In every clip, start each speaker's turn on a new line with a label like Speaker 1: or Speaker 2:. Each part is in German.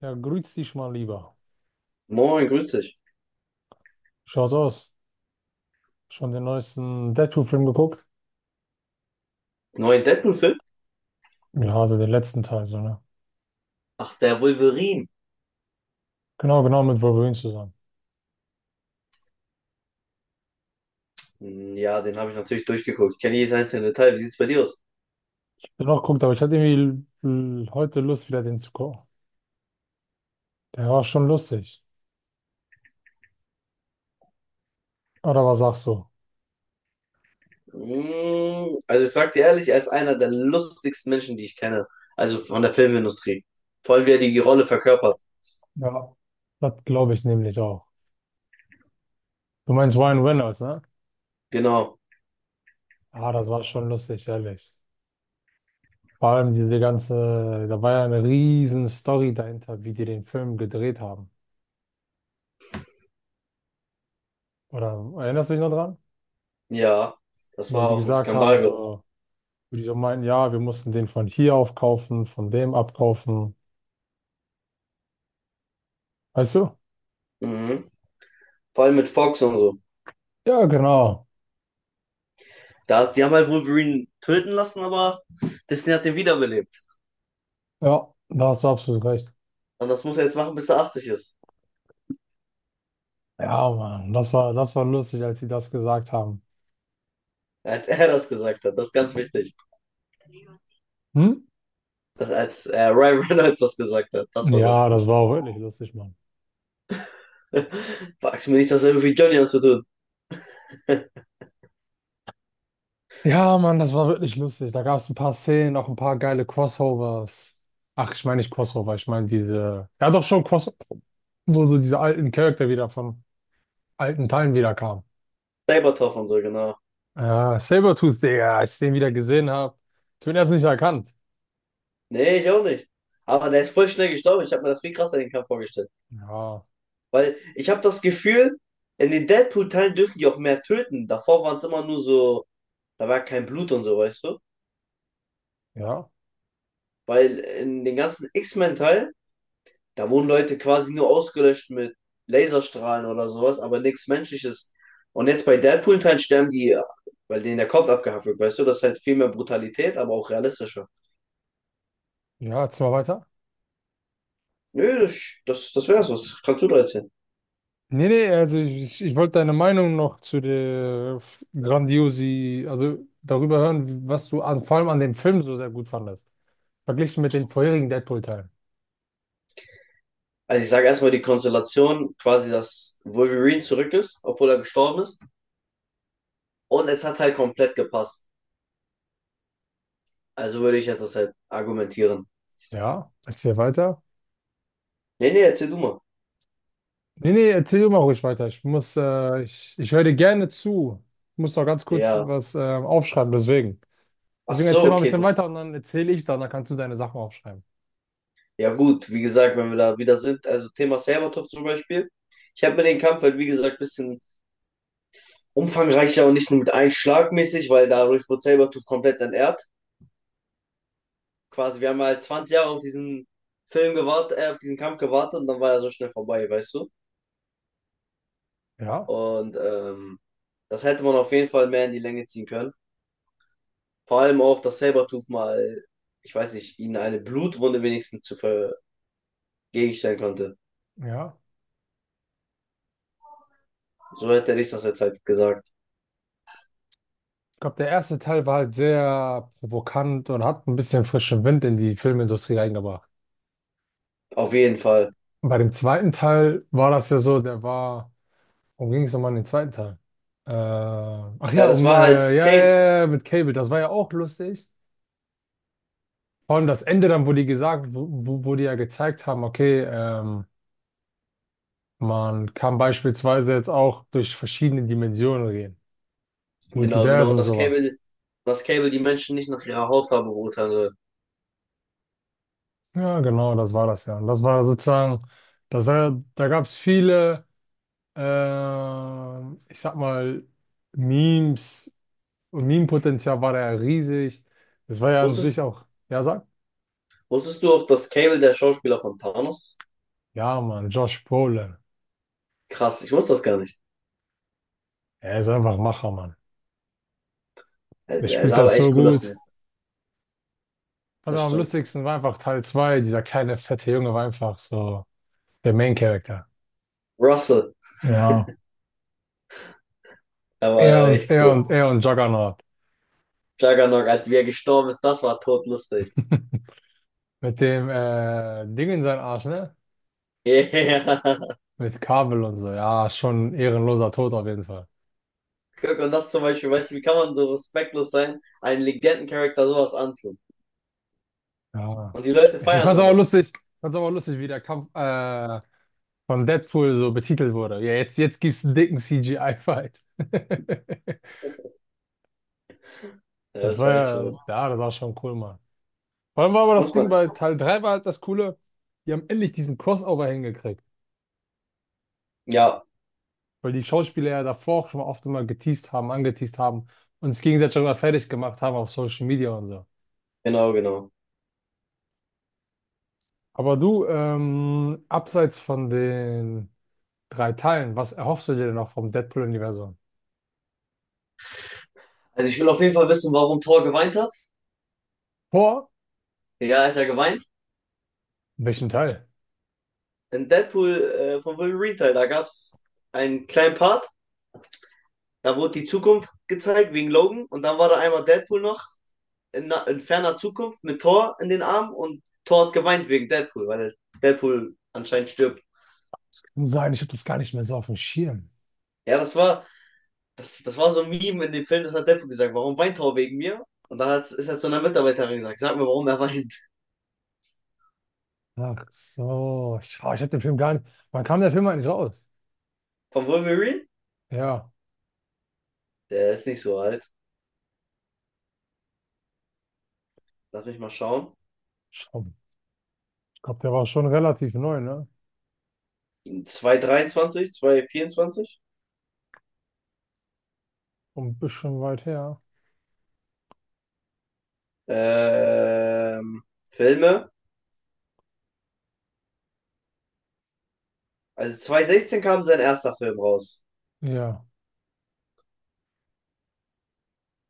Speaker 1: Ja, grüß dich mal lieber.
Speaker 2: Moin, grüß dich.
Speaker 1: Schaut's aus. Schon den neuesten Deadpool-Film geguckt?
Speaker 2: Neuen Deadpool-Film?
Speaker 1: Ja, also den letzten Teil, so, ne?
Speaker 2: Ach, der Wolverine.
Speaker 1: Genau, genau, mit Wolverine zusammen.
Speaker 2: Hm, ja, den habe ich natürlich durchgeguckt. Ich kenne jedes einzelne Detail. Wie sieht's bei dir aus?
Speaker 1: Den noch geguckt, aber ich hatte irgendwie heute Lust, wieder den zu gucken. Der war schon lustig. Oder was sagst du?
Speaker 2: Also ich sag dir ehrlich, er ist einer der lustigsten Menschen, die ich kenne. Also von der Filmindustrie. Vor allem, wie er die Rolle verkörpert.
Speaker 1: Ja. Das glaube ich nämlich auch. Du meinst Ryan Reynolds, ne?
Speaker 2: Genau.
Speaker 1: Ah, das war schon lustig, ehrlich. Vor allem diese ganze, da war ja eine riesen Story dahinter, wie die den Film gedreht haben. Oder erinnerst du dich noch dran?
Speaker 2: Ja, das
Speaker 1: Wo
Speaker 2: war
Speaker 1: die
Speaker 2: auch ein
Speaker 1: gesagt
Speaker 2: Skandal,
Speaker 1: haben,
Speaker 2: glaube ich.
Speaker 1: so. Wo die so meinen, ja, wir mussten den von hier aufkaufen, von dem abkaufen. Weißt du?
Speaker 2: Mhm. Vor allem mit Fox und so.
Speaker 1: Ja, genau.
Speaker 2: Da, die haben halt Wolverine töten lassen, aber Disney hat den wiederbelebt.
Speaker 1: Ja, da hast du absolut recht.
Speaker 2: Und das muss er jetzt machen, bis er 80 ist.
Speaker 1: Ja, Mann, das war lustig, als sie das gesagt haben.
Speaker 2: Als er das gesagt hat. Das ist ganz wichtig.
Speaker 1: Hm?
Speaker 2: Das, als Ryan Reynolds das gesagt hat, das war
Speaker 1: Ja, das
Speaker 2: lustig.
Speaker 1: war auch wirklich lustig, Mann.
Speaker 2: Fragst du mir nicht, das hat irgendwie Johnny zu tun.
Speaker 1: Ja, Mann, das war wirklich lustig. Da gab es ein paar Szenen, auch ein paar geile Crossovers. Ach, ich meine nicht Crossover, ich meine diese, ja doch schon Crossover, wo so diese alten Charakter wieder von alten Teilen wieder kamen.
Speaker 2: Sabertopf und so, genau.
Speaker 1: Ja, Sabertooth, Digga, als ich den wieder gesehen habe, ich bin erst nicht erkannt.
Speaker 2: Nee, ich auch nicht. Aber der ist voll schnell gestorben. Ich habe mir das viel krasser den Kampf vorgestellt.
Speaker 1: Ja.
Speaker 2: Weil ich habe das Gefühl, in den Deadpool-Teilen dürfen die auch mehr töten. Davor waren es immer nur so, da war kein Blut und so, weißt du?
Speaker 1: Ja,
Speaker 2: Weil in den ganzen X-Men-Teilen da wurden Leute quasi nur ausgelöscht mit Laserstrahlen oder sowas, aber nichts Menschliches. Und jetzt bei Deadpool-Teilen sterben die, weil denen der Kopf abgehackt wird, weißt du? Das ist halt viel mehr Brutalität, aber auch realistischer.
Speaker 1: ja, jetzt mal weiter.
Speaker 2: Nö, das wär's, was kannst du da erzählen?
Speaker 1: Nee, nee, also ich wollte deine Meinung noch zu der Grandiosi, also darüber hören, was du an, vor allem an dem Film so sehr gut fandest. Verglichen mit den vorherigen Deadpool-Teilen.
Speaker 2: Also ich sage erstmal die Konstellation, quasi, dass Wolverine zurück ist, obwohl er gestorben ist. Und es hat halt komplett gepasst. Also würde ich jetzt das halt argumentieren.
Speaker 1: Ja, erzähl weiter.
Speaker 2: Nee, nee, erzähl du mal.
Speaker 1: Nee, nee, erzähl du mal ruhig weiter. Ich muss, ich, ich höre dir gerne zu. Ich muss noch ganz kurz
Speaker 2: Ja.
Speaker 1: was aufschreiben, deswegen.
Speaker 2: Ach
Speaker 1: Deswegen
Speaker 2: so,
Speaker 1: erzähl mal ein
Speaker 2: okay,
Speaker 1: bisschen
Speaker 2: das.
Speaker 1: weiter und dann erzähle ich dann, dann kannst du deine Sachen aufschreiben.
Speaker 2: Ja gut, wie gesagt, wenn wir da wieder sind, also Thema Serbatov zum Beispiel. Ich habe mir den Kampf halt, wie gesagt, ein bisschen umfangreicher und nicht nur mit einem Schlag mäßig, weil dadurch wurde Sabertooth komplett entehrt. Quasi, wir haben halt 20 Jahre auf diesen Film gewartet, auf diesen Kampf gewartet und dann war er so schnell vorbei, weißt du?
Speaker 1: Ja,
Speaker 2: Und das hätte man auf jeden Fall mehr in die Länge ziehen können. Vor allem auch, dass Sabertooth mal, ich weiß nicht, ihnen eine Blutwunde wenigstens zu vergegenstellen konnte.
Speaker 1: ja.
Speaker 2: So hätte ich das jetzt halt gesagt.
Speaker 1: Ich glaube, der erste Teil war halt sehr provokant und hat ein bisschen frischen Wind in die Filmindustrie reingebracht.
Speaker 2: Auf jeden Fall.
Speaker 1: Und bei dem zweiten Teil war das ja so, der war, worum ging es nochmal in den zweiten Teil? Ach
Speaker 2: Ja,
Speaker 1: ja,
Speaker 2: das
Speaker 1: um,
Speaker 2: war als
Speaker 1: ja, ja,
Speaker 2: Kane.
Speaker 1: ja, ja, mit Cable, das war ja auch lustig. Vor allem das Ende dann, wo die gesagt, wo die ja gezeigt haben, okay, man kann beispielsweise jetzt auch durch verschiedene Dimensionen gehen.
Speaker 2: Genau, genau.
Speaker 1: Multiversen
Speaker 2: Und
Speaker 1: und
Speaker 2: das
Speaker 1: sowas.
Speaker 2: Cable, das Cable die Menschen nicht nach ihrer Hautfarbe beurteilen soll.
Speaker 1: Ja, genau, das war das ja. Und das war sozusagen, da gab es viele. Ich sag mal, Memes und Meme-Potenzial war da ja riesig. Das war ja an
Speaker 2: Wusstest,
Speaker 1: sich auch, ja, sag,
Speaker 2: wusstest du auch, dass Cable der Schauspieler von Thanos ist?
Speaker 1: ja, Mann, Josh Brolin.
Speaker 2: Krass, ich wusste das gar nicht.
Speaker 1: Er ist einfach ein Macher, Mann.
Speaker 2: Er,
Speaker 1: Der
Speaker 2: er sah
Speaker 1: spielt
Speaker 2: aber
Speaker 1: das so
Speaker 2: echt cool aus,
Speaker 1: gut.
Speaker 2: ne?
Speaker 1: Und
Speaker 2: Das
Speaker 1: am
Speaker 2: stimmt.
Speaker 1: lustigsten war einfach Teil 2. Dieser kleine, fette Junge war einfach so der Main-Character.
Speaker 2: Russell,
Speaker 1: Ja.
Speaker 2: er war
Speaker 1: Er
Speaker 2: ja
Speaker 1: und
Speaker 2: echt
Speaker 1: er
Speaker 2: cool.
Speaker 1: und er und Juggernaut.
Speaker 2: Juggernaut, als wie er gestorben ist, das war todlustig.
Speaker 1: Mit dem Ding in seinen Arsch, ne?
Speaker 2: Yeah.
Speaker 1: Mit Kabel und so. Ja, schon ein ehrenloser Tod auf jeden Fall.
Speaker 2: Guck, und das zum Beispiel, weißt du, wie kann man so respektlos sein, einen Legendencharakter sowas antun?
Speaker 1: Ja.
Speaker 2: Und die Leute
Speaker 1: Ich
Speaker 2: feiern es
Speaker 1: fand's
Speaker 2: auch
Speaker 1: aber
Speaker 2: noch.
Speaker 1: lustig, ich fand's aber lustig, wie der Kampf von Deadpool so betitelt wurde. Ja, jetzt gibt's einen dicken CGI-Fight.
Speaker 2: Ja, das war echt schon lustig.
Speaker 1: Das war schon cool, Mann. Vor allem war aber das
Speaker 2: Muss
Speaker 1: Ding
Speaker 2: man.
Speaker 1: bei Teil 3 war halt das Coole, die haben endlich diesen Crossover hingekriegt,
Speaker 2: Ja,
Speaker 1: weil die Schauspieler ja davor auch schon oft immer geteased haben, angeteased haben und es gegenseitig immer fertig gemacht haben auf Social Media und so.
Speaker 2: genau, genau.
Speaker 1: Aber du, abseits von den drei Teilen, was erhoffst du dir denn noch vom Deadpool-Universum?
Speaker 2: Also ich will auf jeden Fall wissen, warum Thor geweint hat.
Speaker 1: Vor
Speaker 2: Ja, er hat ja geweint.
Speaker 1: Welchen Teil?
Speaker 2: In Deadpool vom Wolverine Teil, da gab es einen kleinen Part, da wurde die Zukunft gezeigt wegen Logan und dann war da einmal Deadpool noch in, in ferner Zukunft mit Thor in den Armen und Thor hat geweint wegen Deadpool, weil Deadpool anscheinend stirbt.
Speaker 1: Kann sein, ich habe das gar nicht mehr so auf dem Schirm.
Speaker 2: Ja, das war, das war so ein Meme in dem Film, das hat Deadpool gesagt, warum weint Thor wegen mir? Und dann hat's, ist er zu einer Mitarbeiterin gesagt, sag mir, warum er weint.
Speaker 1: Ach so, ich habe den Film gar nicht. Wann kam der Film eigentlich raus?
Speaker 2: Von Wolverine?
Speaker 1: Ja,
Speaker 2: Der ist nicht so alt. Darf ich mal schauen?
Speaker 1: schon. Ich glaube, der war schon relativ neu, ne?
Speaker 2: 223, 224.
Speaker 1: Und ein bisschen weit her.
Speaker 2: Ähm, Filme. Also 2016 kam sein erster Film raus.
Speaker 1: Ja,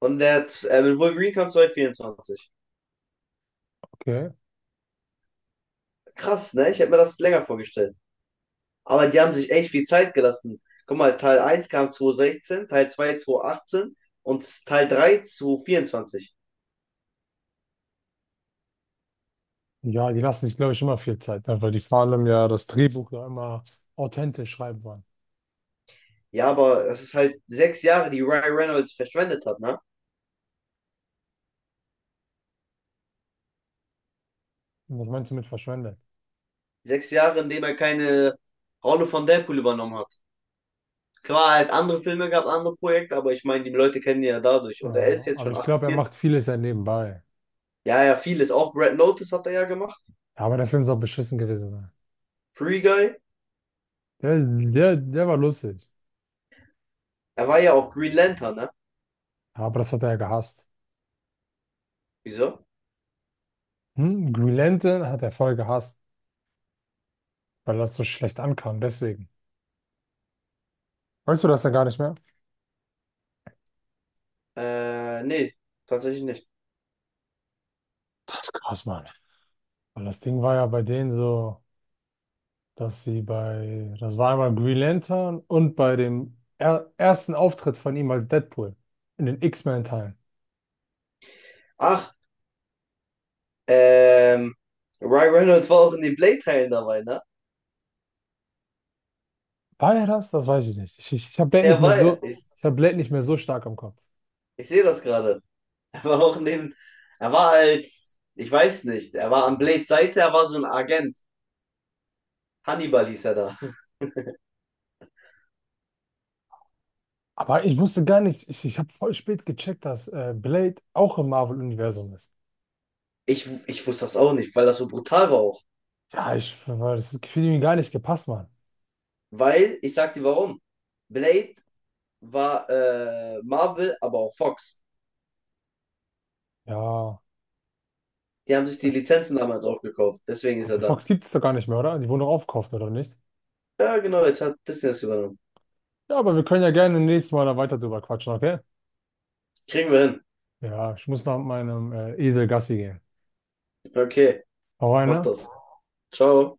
Speaker 2: Und der, mit Wolverine kam 2024.
Speaker 1: okay.
Speaker 2: Krass, ne? Ich hätte mir das länger vorgestellt. Aber die haben sich echt viel Zeit gelassen. Guck mal, Teil 1 kam 2016, Teil 2 2018 und Teil 3 2024.
Speaker 1: Ja, die lassen sich, glaube ich, immer viel Zeit, ne? Weil die vor allem ja das Drehbuch ja immer authentisch schreiben wollen.
Speaker 2: Ja, aber das ist halt 6 Jahre, die Ryan Reynolds verschwendet hat, ne?
Speaker 1: Und was meinst du mit verschwendet?
Speaker 2: Sechs Jahre, in denen er keine Rolle von Deadpool übernommen hat. Klar, er hat andere Filme gehabt, andere Projekte, aber ich meine, die Leute kennen ihn ja dadurch. Und er ist
Speaker 1: Ja,
Speaker 2: jetzt
Speaker 1: aber
Speaker 2: schon
Speaker 1: ich glaube, er
Speaker 2: 48.
Speaker 1: macht vieles ja nebenbei.
Speaker 2: Ja, ja, vieles. Auch Red Notice hat er ja gemacht.
Speaker 1: Ja, aber der Film soll beschissen gewesen sein.
Speaker 2: Free Guy?
Speaker 1: Der war lustig.
Speaker 2: Er war ja auch Green Lantern, ne?
Speaker 1: Ja, aber das hat er ja gehasst.
Speaker 2: Wieso?
Speaker 1: Hm? Green Lantern hat er voll gehasst. Weil das so schlecht ankam, deswegen. Weißt du das ja gar nicht mehr?
Speaker 2: Nee, tatsächlich nicht.
Speaker 1: Das ist krass, Mann. Weil das Ding war ja bei denen so, dass sie bei, das war einmal Green Lantern und bei dem er ersten Auftritt von ihm als Deadpool in den X-Men-Teilen.
Speaker 2: Ach, ähm, Ryan Reynolds war auch in den Blade-Teilen dabei, ne?
Speaker 1: War er das? Das weiß ich nicht. Ich habe Blade nicht
Speaker 2: Er
Speaker 1: mehr
Speaker 2: war er.
Speaker 1: so,
Speaker 2: Ich,
Speaker 1: ich habe Blade nicht mehr so stark im Kopf.
Speaker 2: ich sehe das gerade. Er war auch in dem, er war als, ich weiß nicht, er war an Blades Seite, er war so ein Agent. Hannibal hieß er da.
Speaker 1: Aber ich wusste gar nicht, ich habe voll spät gecheckt, dass Blade auch im Marvel-Universum ist.
Speaker 2: Ich wusste das auch nicht, weil das so brutal war auch.
Speaker 1: Ja, ich, weil das Gefühl mir gar nicht gepasst, Mann.
Speaker 2: Weil, ich sag dir warum. Blade war Marvel, aber auch Fox.
Speaker 1: Ja,
Speaker 2: Die haben sich die Lizenzen damals aufgekauft. Deswegen ist er
Speaker 1: aber
Speaker 2: da.
Speaker 1: Fox gibt es doch gar nicht mehr, oder? Die wurden doch aufgekauft, oder nicht?
Speaker 2: Ja, genau, jetzt hat Disney das übernommen.
Speaker 1: Ja, aber wir können ja gerne nächstes Mal da weiter drüber quatschen, okay?
Speaker 2: Kriegen wir hin.
Speaker 1: Ja, ich muss noch mit meinem Esel Gassi gehen.
Speaker 2: Okay,
Speaker 1: Hau rein,
Speaker 2: mach
Speaker 1: ne?
Speaker 2: das. Ciao.